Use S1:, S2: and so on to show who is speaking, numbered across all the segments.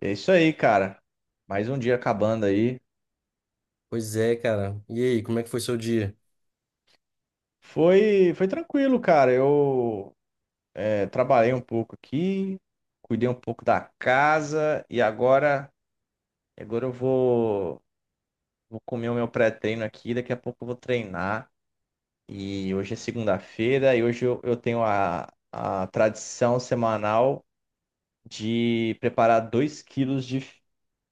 S1: É isso aí, cara. Mais um dia acabando aí.
S2: Pois é, cara. E aí, como é que foi seu dia?
S1: Foi tranquilo, cara. Eu trabalhei um pouco aqui, cuidei um pouco da casa e agora eu vou comer o meu pré-treino aqui. Daqui a pouco eu vou treinar. E hoje é segunda-feira e hoje eu tenho a tradição semanal de preparar 2 quilos de,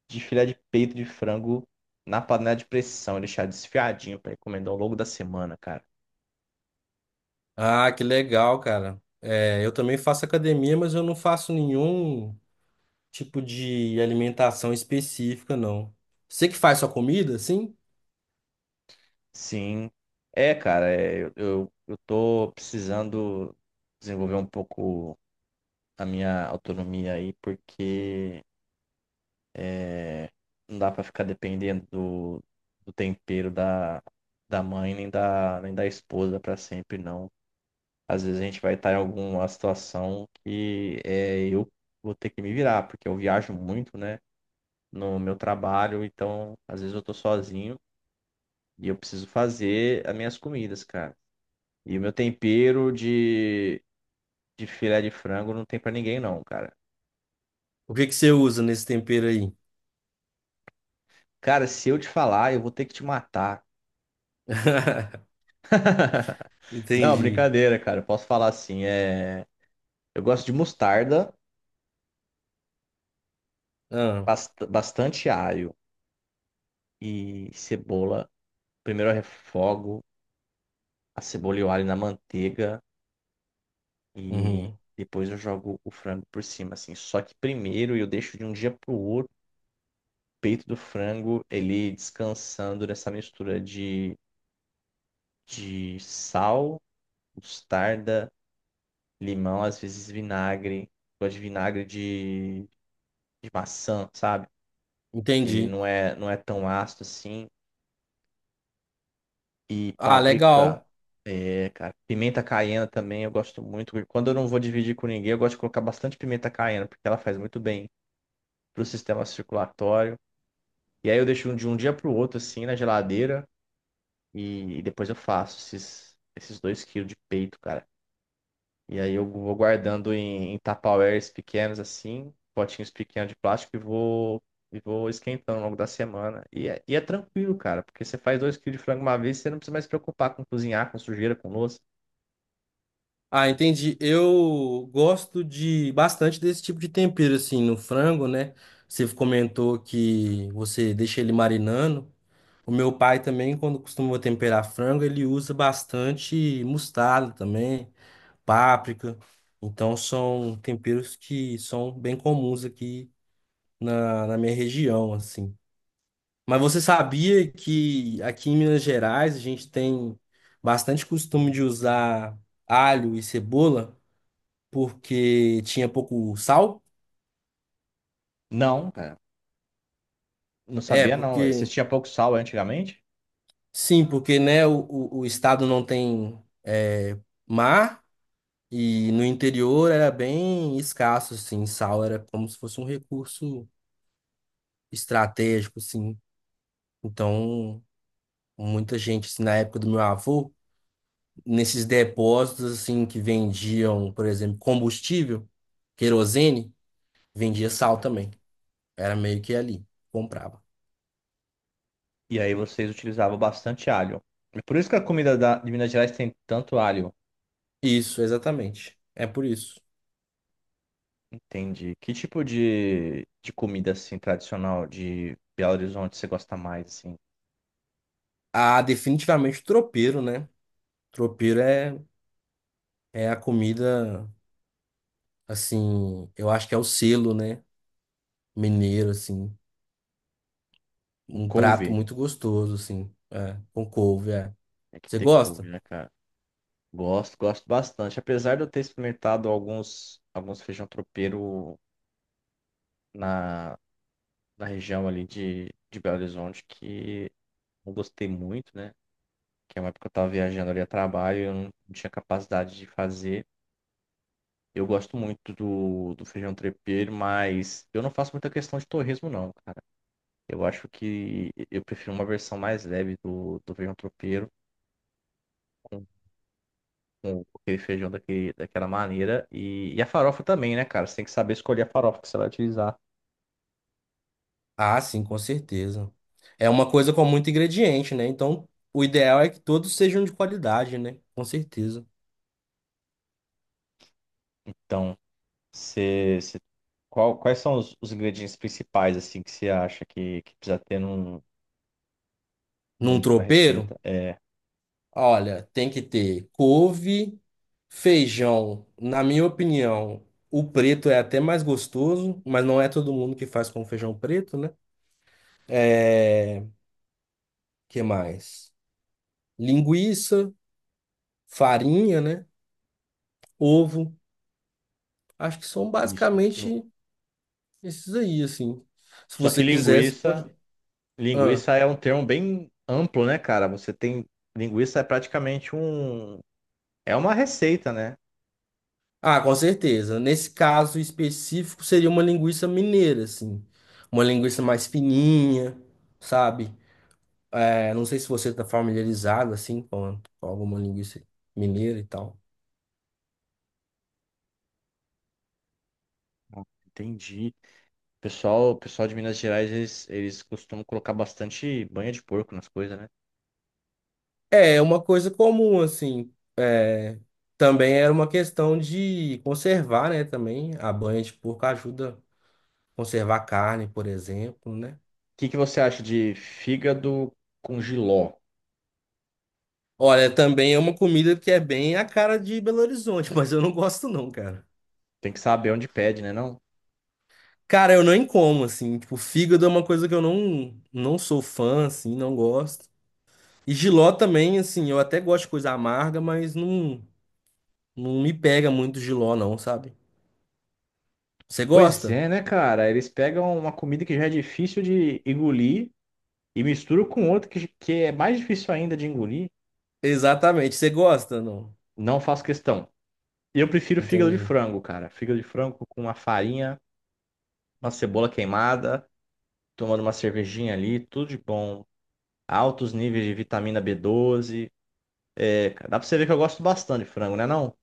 S1: de filé de peito de frango na panela de pressão e deixar desfiadinho para encomendar ao longo da semana, cara.
S2: Ah, que legal, cara. É, eu também faço academia, mas eu não faço nenhum tipo de alimentação específica, não. Você que faz sua comida, sim?
S1: Sim. É, cara, eu tô precisando desenvolver um pouco a minha autonomia aí, porque é, não dá pra ficar dependendo do tempero da mãe nem nem da esposa pra sempre, não. Às vezes a gente vai estar em alguma situação que eu vou ter que me virar, porque eu viajo muito, né, no meu trabalho, então às vezes eu tô sozinho e eu preciso fazer as minhas comidas, cara. E o meu tempero de filé de frango não tem pra ninguém, não, cara.
S2: O que que você usa nesse tempero aí?
S1: Cara, se eu te falar, eu vou ter que te matar. Não,
S2: Entendi.
S1: brincadeira, cara. Eu posso falar assim. Eu gosto de mostarda,
S2: Ah,
S1: bastante alho e cebola. Primeiro eu refogo a cebola e o alho na manteiga e
S2: uhum.
S1: depois eu jogo o frango por cima, assim. Só que primeiro eu deixo de um dia pro outro o peito do frango ele descansando nessa mistura de sal mostarda, limão, às vezes vinagre. Gosto de vinagre de maçã, sabe? Ele
S2: Entendi.
S1: não é tão ácido assim. E
S2: Ah,
S1: páprica.
S2: legal.
S1: É, cara. Pimenta caiena também eu gosto muito. Quando eu não vou dividir com ninguém, eu gosto de colocar bastante pimenta caiena, porque ela faz muito bem pro sistema circulatório. E aí eu deixo de um dia pro outro, assim, na geladeira. E depois eu faço esses 2 quilos de peito, cara. E aí eu vou guardando em tupperwares pequenos assim, potinhos pequenos de plástico e vou esquentando ao longo da semana. E é tranquilo, cara, porque você faz 2 quilos de frango uma vez, você não precisa mais se preocupar com cozinhar, com sujeira, com louça.
S2: Ah, entendi. Eu gosto de bastante desse tipo de tempero, assim, no frango, né? Você comentou que você deixa ele marinando. O meu pai também, quando costuma temperar frango, ele usa bastante mostarda também, páprica. Então são temperos que são bem comuns aqui na minha região, assim. Mas você sabia que aqui em Minas Gerais a gente tem bastante costume de usar alho e cebola porque tinha pouco sal?
S1: Não, cara, não
S2: É,
S1: sabia não.
S2: porque
S1: Vocês tinham pouco sal antigamente,
S2: sim, porque né, o estado não tem é, mar. E no interior era bem escasso, assim, sal era como se fosse um recurso estratégico, assim. Então, muita gente, assim, na época do meu avô, nesses depósitos, assim, que vendiam, por exemplo, combustível, querosene, vendia sal também. Era meio que ali, comprava.
S1: e aí vocês utilizavam bastante alho. É por isso que a comida de Minas Gerais tem tanto alho.
S2: Isso, exatamente. É por isso.
S1: Entendi. Que tipo de comida assim tradicional de Belo Horizonte você gosta mais assim?
S2: Ah, definitivamente o tropeiro, né? Tropeiro é, é a comida, assim, eu acho que é o selo, né? Mineiro, assim.
S1: Com
S2: Um prato
S1: couve?
S2: muito gostoso, assim. É, com couve, é.
S1: É que
S2: Você
S1: ter couve,
S2: gosta?
S1: né, cara? Gosto, gosto bastante. Apesar de eu ter experimentado alguns feijão tropeiro na, na região ali de Belo Horizonte que não gostei muito, né? Que é uma época que eu tava viajando ali a trabalho eu não tinha capacidade de fazer. Eu gosto muito do feijão tropeiro, mas eu não faço muita questão de torresmo, não, cara. Eu acho que eu prefiro uma versão mais leve do feijão tropeiro com aquele feijão daquela maneira. E a farofa também, né, cara? Você tem que saber escolher a farofa que você vai utilizar.
S2: Ah, sim, com certeza. É uma coisa com muito ingrediente, né? Então, o ideal é que todos sejam de qualidade, né? Com certeza.
S1: Então, você, você- quais são os ingredientes principais, assim, que você acha que precisa ter num,
S2: Num
S1: numa
S2: tropeiro,
S1: receita?
S2: olha, tem que ter couve, feijão. Na minha opinião, o preto é até mais gostoso, mas não é todo mundo que faz com feijão preto, né? É, que mais? Linguiça, farinha, né? Ovo. Acho que são
S1: Isso, tem que ter.
S2: basicamente esses aí, assim. Se
S1: Só que
S2: você quisesse,
S1: linguiça,
S2: pode. Ah,
S1: linguiça é um termo bem amplo, né, cara? Linguiça é praticamente é uma receita, né?
S2: ah, com certeza. Nesse caso específico, seria uma linguiça mineira, assim. Uma linguiça mais fininha, sabe? É, não sei se você está familiarizado, assim, com alguma linguiça mineira e tal.
S1: Ah, entendi. Pessoal de Minas Gerais, eles costumam colocar bastante banha de porco nas coisas, né?
S2: É, é uma coisa comum, assim. É, também era uma questão de conservar, né? Também a banha de porco ajuda a conservar a carne, por exemplo, né?
S1: Que você acha de fígado com jiló?
S2: Olha, também é uma comida que é bem a cara de Belo Horizonte, mas eu não gosto não, cara.
S1: Tem que saber onde pede, né, não?
S2: Cara, eu nem como, assim, tipo, fígado é uma coisa que eu não, não sou fã, assim, não gosto. E jiló também, assim, eu até gosto de coisa amarga, mas não, não me pega muito jiló não, sabe? Você
S1: Pois
S2: gosta?
S1: é, né, cara? Eles pegam uma comida que já é difícil de engolir e misturam com outra que é mais difícil ainda de engolir.
S2: Exatamente, você gosta, não?
S1: Não faço questão. Eu prefiro fígado de
S2: Entendi.
S1: frango, cara. Fígado de frango com uma farinha, uma cebola queimada, tomando uma cervejinha ali, tudo de bom. Altos níveis de vitamina B12. É, cara, dá pra você ver que eu gosto bastante de frango, né, não?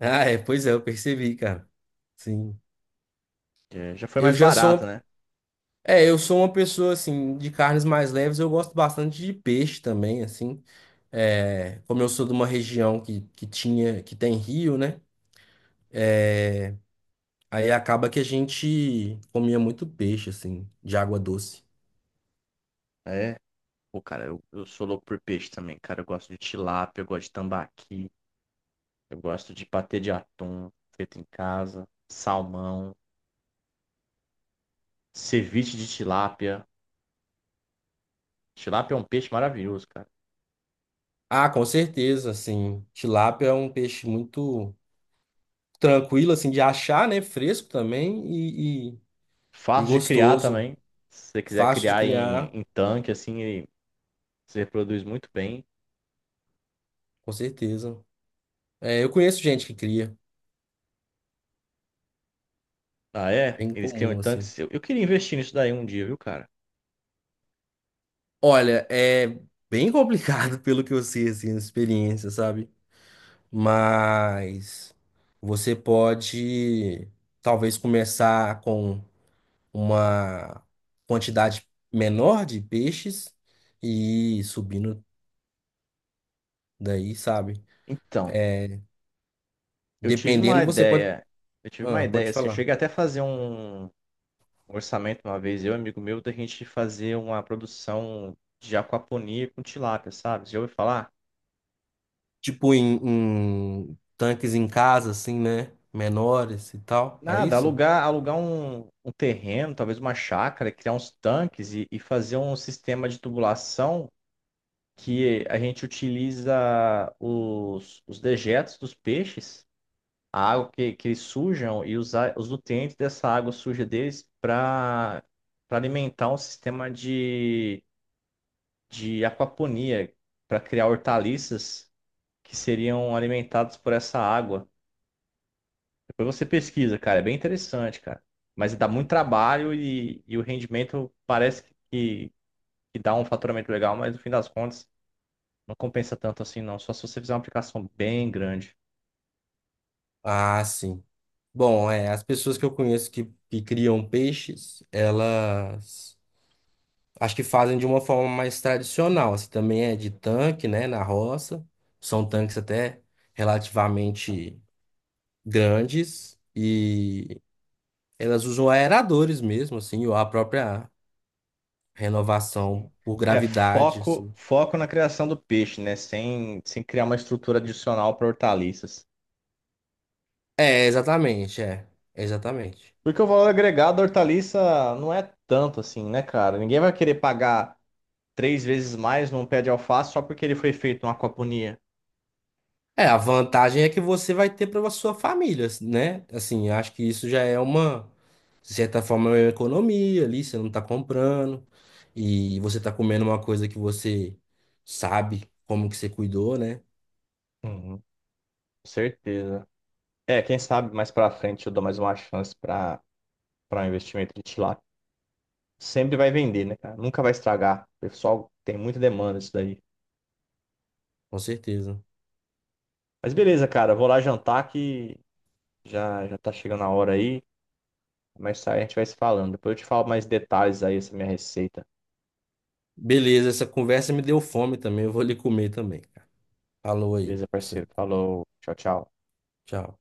S2: Ah, é, pois é, eu percebi, cara. Sim.
S1: É, já foi
S2: Eu
S1: mais
S2: já sou,
S1: barato,
S2: uma-
S1: né?
S2: é, eu sou uma pessoa, assim, de carnes mais leves, eu gosto bastante de peixe também, assim. É, como eu sou de uma região que tinha, que tem rio, né? Aí acaba que a gente comia muito peixe, assim, de água doce.
S1: É. Pô, cara, eu sou louco por peixe também, cara. Eu gosto de tilápia, eu gosto de tambaqui, eu gosto de patê de atum feito em casa, salmão, ceviche de tilápia. Tilápia é um peixe maravilhoso, cara.
S2: Ah, com certeza, assim, tilápia é um peixe muito tranquilo, assim, de achar, né? Fresco também e
S1: Fácil de criar
S2: gostoso.
S1: também. Se você quiser
S2: Fácil de
S1: criar em,
S2: criar,
S1: em tanque, assim, ele se reproduz muito bem.
S2: com certeza. É, eu conheço gente que cria,
S1: Ah, é?
S2: bem
S1: Eles criam em
S2: comum, assim.
S1: tanques. Eu queria investir nisso daí um dia, viu, cara?
S2: Olha, é bem complicado pelo que eu sei, assim, a experiência, sabe? Mas você pode talvez começar com uma quantidade menor de peixes e ir subindo daí, sabe?
S1: Então,
S2: É,
S1: eu tive uma
S2: dependendo, você pode,
S1: ideia. Eu tive uma
S2: ah,
S1: ideia,
S2: pode
S1: assim, eu
S2: falar.
S1: cheguei até a fazer um orçamento uma vez, eu e um amigo meu, da gente fazer uma produção de aquaponia com tilápia, sabe? Você já ouviu falar?
S2: Tipo em tanques em casa, assim, né? Menores e tal. É
S1: Nada,
S2: isso?
S1: alugar um terreno, talvez uma chácara, criar uns tanques e fazer um sistema de tubulação que a gente utiliza os dejetos dos peixes, a água que eles sujam e usar os nutrientes dessa água suja deles para alimentar um sistema de aquaponia, para criar hortaliças que seriam alimentados por essa água. Depois você pesquisa, cara, é bem interessante, cara. Mas dá muito trabalho e o rendimento parece que, que dá um faturamento legal, mas no fim das contas não compensa tanto assim, não. Só se você fizer uma aplicação bem grande.
S2: Ah, sim. Bom, é, as pessoas que eu conheço que criam peixes, elas acho que fazem de uma forma mais tradicional, assim, também é de tanque, né, na roça. São tanques até relativamente grandes e elas usam aeradores mesmo, assim, ou a própria
S1: Sim.
S2: renovação por
S1: É,
S2: gravidade,
S1: foco,
S2: assim.
S1: foco na criação do peixe, né? Sem criar uma estrutura adicional para hortaliças.
S2: É, exatamente, é, exatamente.
S1: Porque o valor agregado da hortaliça não é tanto assim, né, cara? Ninguém vai querer pagar três vezes mais num pé de alface só porque ele foi feito numa aquaponia.
S2: É, a vantagem é que você vai ter para sua família, né? Assim, acho que isso já é uma, de certa forma, é uma economia ali, você não tá comprando e você tá comendo uma coisa que você sabe como que você cuidou, né?
S1: Uhum, com certeza. É, quem sabe mais pra frente eu dou mais uma chance pra para um investimento de tilápia. Sempre vai vender, né, cara? Nunca vai estragar. O pessoal tem muita demanda isso daí.
S2: Com certeza.
S1: Mas beleza, cara, eu vou lá jantar que já já tá chegando a hora aí. Mas aí a gente vai se falando. Depois eu te falo mais detalhes aí essa minha receita.
S2: Beleza, essa conversa me deu fome também, eu vou ali comer também, cara. Falou aí,
S1: Beleza,
S2: você.
S1: parceiro? Falou. Tchau, tchau.
S2: Tchau.